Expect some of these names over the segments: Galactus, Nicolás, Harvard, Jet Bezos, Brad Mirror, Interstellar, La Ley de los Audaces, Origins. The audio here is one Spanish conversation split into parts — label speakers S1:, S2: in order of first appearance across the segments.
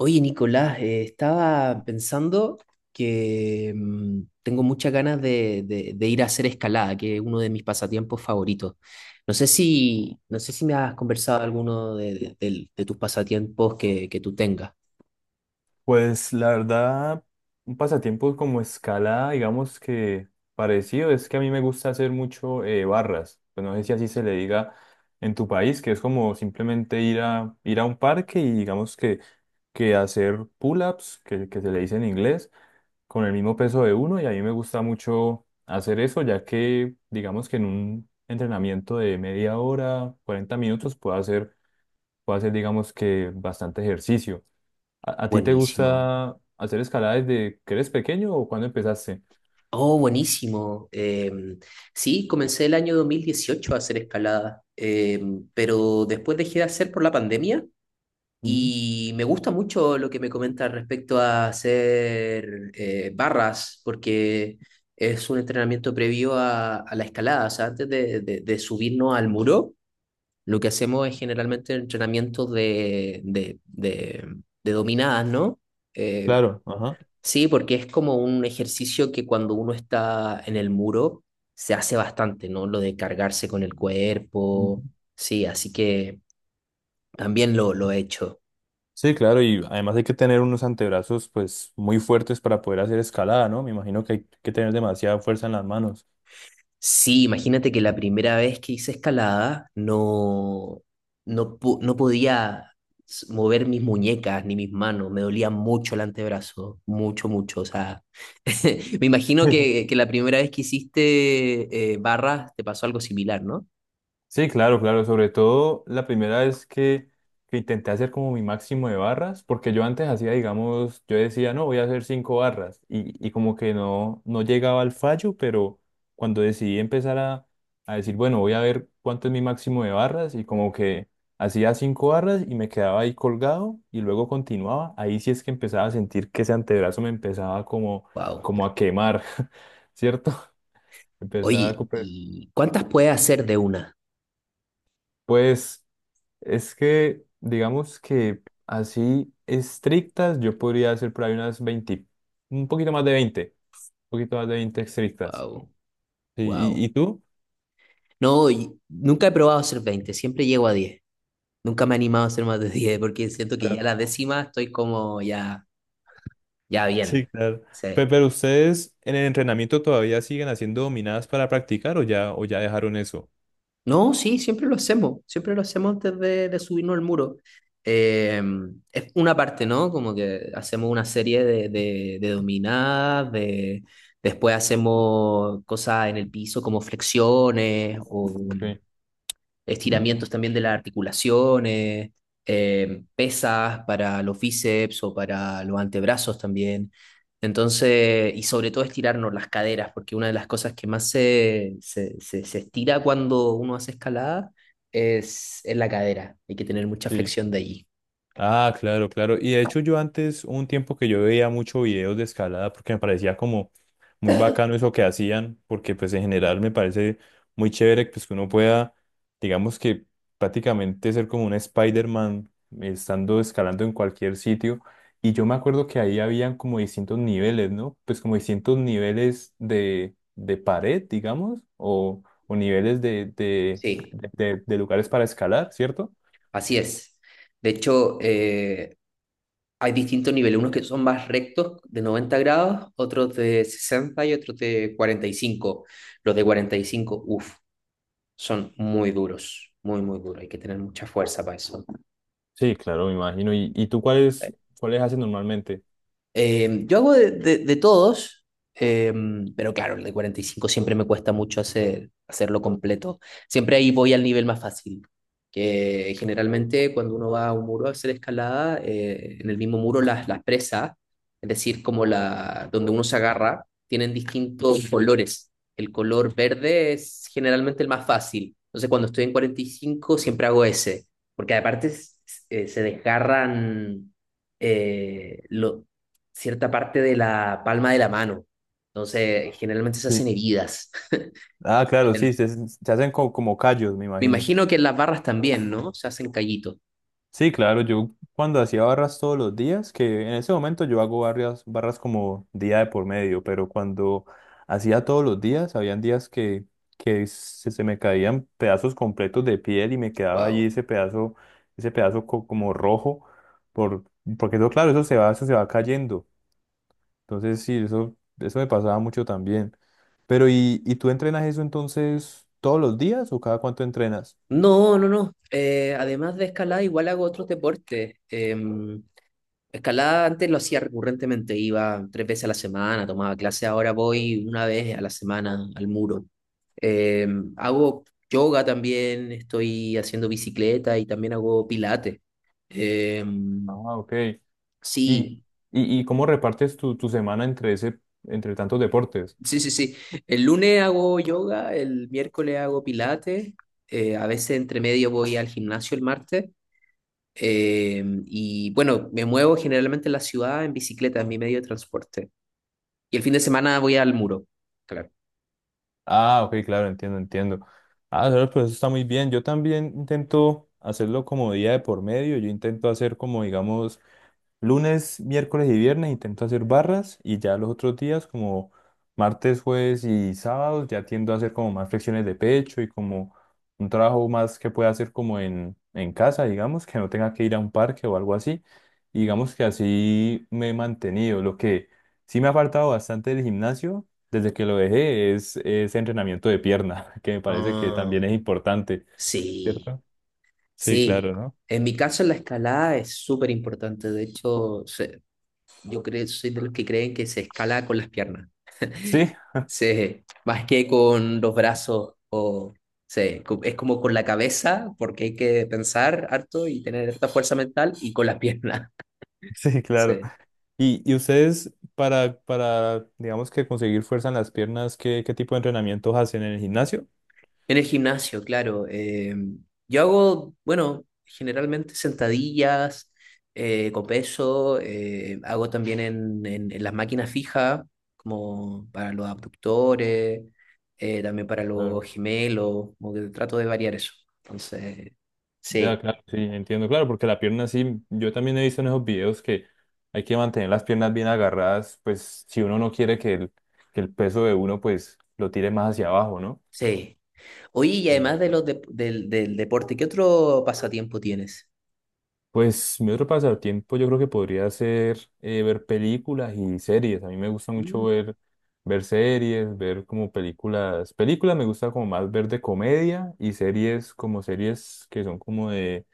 S1: Oye, Nicolás, estaba pensando que tengo muchas ganas de ir a hacer escalada, que es uno de mis pasatiempos favoritos. No sé si me has conversado alguno de tus pasatiempos que tú tengas.
S2: Pues la verdad, un pasatiempo como escalada, digamos que parecido, es que a mí me gusta hacer mucho barras. Pues no sé si así se le diga en tu país, que es como simplemente ir a un parque y digamos que hacer pull-ups, que se le dice en inglés, con el mismo peso de uno. Y a mí me gusta mucho hacer eso, ya que digamos que en un entrenamiento de media hora, 40 minutos, puedo hacer digamos que bastante ejercicio. ¿A ti te
S1: Buenísimo.
S2: gusta hacer escalada desde que eres pequeño o cuando empezaste?
S1: Oh, buenísimo. Sí, comencé el año 2018 a hacer escalada, pero después dejé de hacer por la pandemia.
S2: Ujú.
S1: Y me gusta mucho lo que me comenta respecto a hacer barras, porque es un entrenamiento previo a la escalada. O sea, antes de subirnos al muro, lo que hacemos es generalmente entrenamientos de dominadas, ¿no? Eh,
S2: Claro, ajá.
S1: sí, porque es como un ejercicio que cuando uno está en el muro se hace bastante, ¿no? Lo de cargarse con el
S2: Ujú.
S1: cuerpo. Sí, así que también lo he hecho.
S2: Sí, claro, y además hay que tener unos antebrazos pues muy fuertes para poder hacer escalada, ¿no? Me imagino que hay que tener demasiada fuerza en las manos.
S1: Sí, imagínate que la primera vez que hice escalada no podía mover mis muñecas ni mis manos, me dolía mucho el antebrazo, mucho, mucho. O sea, me imagino que la primera vez que hiciste barras te pasó algo similar, ¿no?
S2: Sí, claro, claro. Sobre todo la primera vez que intenté hacer como mi máximo de barras, porque yo antes hacía, digamos, yo decía, no, voy a hacer cinco barras y como que no, llegaba al fallo, pero cuando decidí empezar a decir, bueno, voy a ver cuánto es mi máximo de barras y como que hacía cinco barras y me quedaba ahí colgado y luego continuaba, ahí sí es que empezaba a sentir que ese antebrazo me empezaba como,
S1: Wow.
S2: como a quemar, ¿cierto? Empezaba a.
S1: Oye, ¿y cuántas puedes hacer de una?
S2: Pues. Es que, digamos que así estrictas, yo podría hacer por ahí unas 20, un poquito más de 20, un poquito más de 20 estrictas.
S1: Wow,
S2: Sí, ¿Y,
S1: wow.
S2: y tú?
S1: No, y nunca he probado hacer 20, siempre llego a 10. Nunca me he animado a hacer más de 10 porque siento que ya
S2: Claro.
S1: la décima estoy como ya. Ya,
S2: Sí,
S1: bien.
S2: claro. Pe-
S1: Sí.
S2: Pero, ustedes en el entrenamiento todavía siguen haciendo dominadas para practicar o ya, dejaron eso?
S1: No, sí, siempre lo hacemos. Siempre lo hacemos antes de subirnos al muro. Eh, es una parte, ¿no? Como que hacemos una serie de dominadas, después hacemos cosas en el piso como flexiones o
S2: Ok,
S1: estiramientos también de las articulaciones, pesas para los bíceps o para los antebrazos también. Entonces, y sobre todo estirarnos las caderas, porque una de las cosas que más se estira cuando uno hace escalada es la cadera. Hay que tener mucha
S2: sí.
S1: flexión de allí.
S2: Ah, claro, claro. Y de hecho yo antes, hubo un tiempo que yo veía mucho videos de escalada porque me parecía como muy bacano eso que hacían, porque pues en general me parece muy chévere pues que uno pueda, digamos que prácticamente ser como un Spider-Man estando escalando en cualquier sitio. Y yo me acuerdo que ahí habían como distintos niveles, ¿no? Pues como distintos niveles de pared, digamos, o niveles de, de
S1: Sí,
S2: de- de- de lugares para escalar, ¿cierto?
S1: así es. De hecho, hay distintos niveles, unos que son más rectos de 90 grados, otros de 60 y otros de 45. Los de 45, uff, son muy duros, muy, muy duros. Hay que tener mucha fuerza para eso.
S2: Sí, claro, me imagino. ¿Y tú cuáles haces normalmente?
S1: Yo hago de todos, eh, pero claro, el de 45 siempre me cuesta mucho hacerlo completo. Siempre ahí voy al nivel más fácil, que generalmente cuando uno va a un muro a hacer escalada, en el mismo muro las presas, es decir, como donde uno se agarra, tienen distintos colores. El color verde es generalmente el más fácil. Entonces cuando estoy en 45 siempre hago ese, porque aparte se desgarran eh, lo- cierta parte de la palma de la mano. Entonces, generalmente se
S2: Sí.
S1: hacen heridas.
S2: Ah, claro,
S1: Bien.
S2: sí, se hacen como, callos, me
S1: Me
S2: imagino.
S1: imagino que en las barras también, ¿no? Se hacen callitos.
S2: Sí, claro, yo cuando hacía barras todos los días, que en ese momento yo hago barras, barras como día de por medio, pero cuando hacía todos los días, habían días que se me caían pedazos completos de piel y me quedaba allí
S1: Wow.
S2: ese pedazo como rojo, por, porque eso, claro, eso se va cayendo. Entonces, sí, eso me pasaba mucho también. Pero, ¿y tú entrenas eso entonces todos los días o cada cuánto entrenas?
S1: No, no, no. Además de escalada, igual hago otros deportes. Em, escalada antes lo hacía recurrentemente, iba 3 veces a la semana, tomaba clase, ahora voy una vez a la semana al muro. Hago yoga también, estoy haciendo bicicleta y también hago pilates. Em,
S2: Ah, ok. ¿Y, y,
S1: sí,
S2: y cómo repartes tu semana entre ese, entre tantos deportes?
S1: sí, sí, sí. El lunes hago yoga, el miércoles hago pilates, a veces entre medio voy al gimnasio el martes. Y bueno, me muevo generalmente en la ciudad en bicicleta, en mi medio de transporte. Y el fin de semana voy al muro. Claro.
S2: Ah, ok, claro, entiendo, entiendo. Ah, claro, pues eso está muy bien. Yo también intento hacerlo como día de por medio. Yo intento hacer como, digamos, lunes, miércoles y viernes intento hacer barras y ya los otros días, como martes, jueves y sábados, ya tiendo a hacer como más flexiones de pecho y como un trabajo más que pueda hacer como en casa, digamos, que no tenga que ir a un parque o algo así. Y digamos que así me he mantenido. Lo que sí me ha faltado bastante del gimnasio desde que lo dejé es entrenamiento de pierna, que me parece que
S1: Ah,
S2: también es importante,
S1: sí,
S2: ¿cierto? Sí,
S1: sí.
S2: claro, ¿no?
S1: En mi caso la escalada es súper importante. De hecho, yo creo, soy de los que creen que se escala con las piernas.
S2: Sí,
S1: Más que con los brazos, o es como con la cabeza, porque hay que pensar harto y tener harta fuerza mental y con las piernas.
S2: sí, claro.
S1: Sí.
S2: Y ustedes para, digamos que conseguir fuerza en las piernas, ¿qué tipo de entrenamientos hacen en el gimnasio?
S1: En el gimnasio, claro. Yo hago, bueno, generalmente sentadillas con peso, hago también en, en las máquinas fijas, como para los abductores, también para los
S2: Claro.
S1: gemelos, como que trato de variar eso. Entonces,
S2: Ya,
S1: sí,
S2: claro, sí, entiendo, claro, porque la pierna sí, yo también he visto en esos videos que hay que mantener las piernas bien agarradas, pues si uno no quiere que el peso de uno pues lo tire más hacia abajo, ¿no?
S1: sí. Oye, y además del deporte, ¿qué otro pasatiempo tienes?
S2: Pues mi otro pasatiempo yo creo que podría ser ver películas y series. A mí me gusta mucho
S1: Mm,
S2: ver series, ver como películas. Películas me gusta como más ver de comedia y series como series que son como de,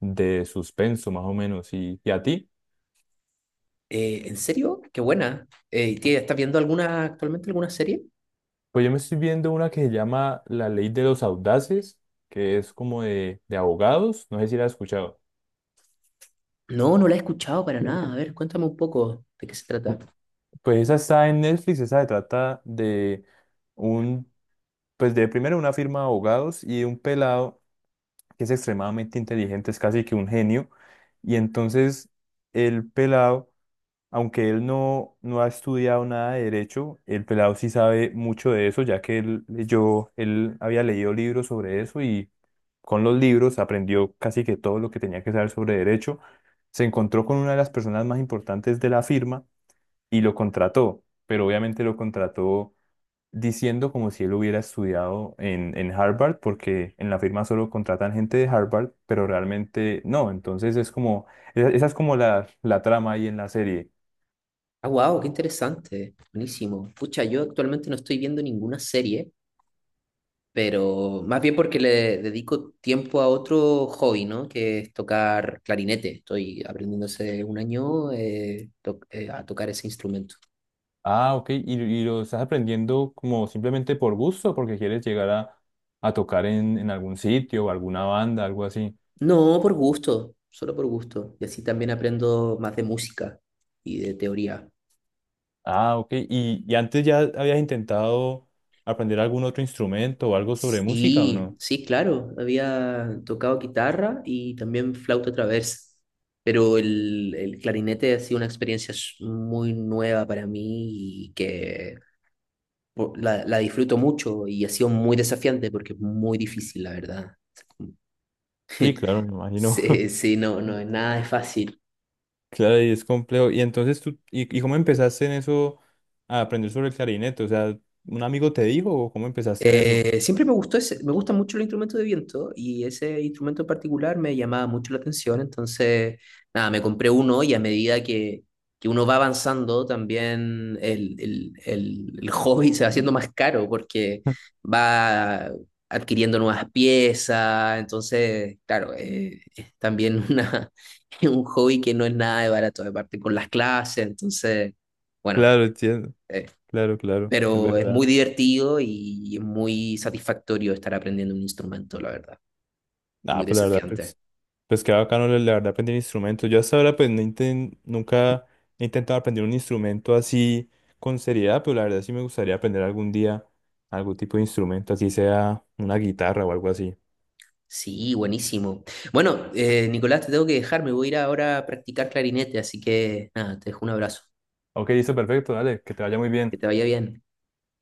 S2: de suspenso más o menos. ¿Y a ti?
S1: ¿en serio? Qué buena. ¿Estás viendo alguna, actualmente alguna serie?
S2: Pues yo me estoy viendo una que se llama La Ley de los Audaces, que es como de abogados. No sé si la has escuchado.
S1: No, no la he escuchado para nada. A ver, cuéntame un poco de qué se trata.
S2: Pu- Pues esa está en Netflix, esa se trata de, un, pues, de primero una firma de abogados y un pelado que es extremadamente inteligente, es casi que un genio. Y entonces el pelado, aunque él no ha estudiado nada de derecho, el pelado sí sabe mucho de eso, ya que él había leído libros sobre eso y con los libros aprendió casi que todo lo que tenía que saber sobre derecho. Se encontró con una de las personas más importantes de la firma y lo contrató, pero obviamente lo contrató diciendo como si él hubiera estudiado en Harvard, porque en la firma solo contratan gente de Harvard, pero realmente no. Entonces es como, esa es como la trama ahí en la serie.
S1: Ah, wow, qué interesante. Buenísimo. Pucha, yo actualmente no estoy viendo ninguna serie, pero más bien porque le dedico tiempo a otro hobby, ¿no? Que es tocar clarinete. Estoy aprendiendo hace un año a tocar ese instrumento.
S2: Ah, ok, y lo estás aprendiendo como simplemente por gusto, porque quieres llegar a tocar en algún sitio o alguna banda, algo así.
S1: No, por gusto, solo por gusto. Y así también aprendo más de música y de teoría.
S2: Ah, ok, y antes ya habías intentado aprender algún otro instrumento o algo sobre música, ¿o
S1: Sí,
S2: no?
S1: sí, claro. Había tocado guitarra y también flauta traversa. Pero el clarinete ha sido una experiencia muy nueva para mí y que la disfruto mucho y ha sido muy desafiante porque es muy difícil, la verdad.
S2: Sí, claro, me imagino.
S1: Sí, sí, no, no, nada es fácil.
S2: Claro, y es complejo. Y entonces tú, ¿y cómo empezaste en eso a aprender sobre el clarinete? O sea, ¿un amigo te dijo o cómo empezaste en eso?
S1: Siempre me gustó me gusta mucho el instrumento de viento y ese instrumento en particular me llamaba mucho la atención, entonces, nada, me compré uno y a medida que uno va avanzando, también el hobby se va haciendo más caro porque va adquiriendo nuevas piezas, entonces, claro, es también un hobby que no es nada de barato, aparte con las clases, entonces, bueno.
S2: Claro, entiendo.
S1: eh,
S2: Claro, claro, es
S1: pero es muy
S2: verdad.
S1: divertido y es muy satisfactorio estar aprendiendo un instrumento, la verdad.
S2: Ah,
S1: Muy
S2: pues la verdad,
S1: desafiante.
S2: pues qué bacano, la verdad, aprender instrumentos. Yo hasta ahora, pues, nunca he intentado aprender un instrumento así con seriedad, pero la verdad sí me gustaría aprender algún día algún tipo de instrumento, así sea una guitarra o algo así.
S1: Sí, buenísimo. Bueno, Nicolás, te tengo que dejar, me voy a ir ahora a practicar clarinete, así que nada, te dejo un abrazo.
S2: Ok, listo, perfecto, dale, que te vaya muy
S1: Que
S2: bien.
S1: te vaya bien.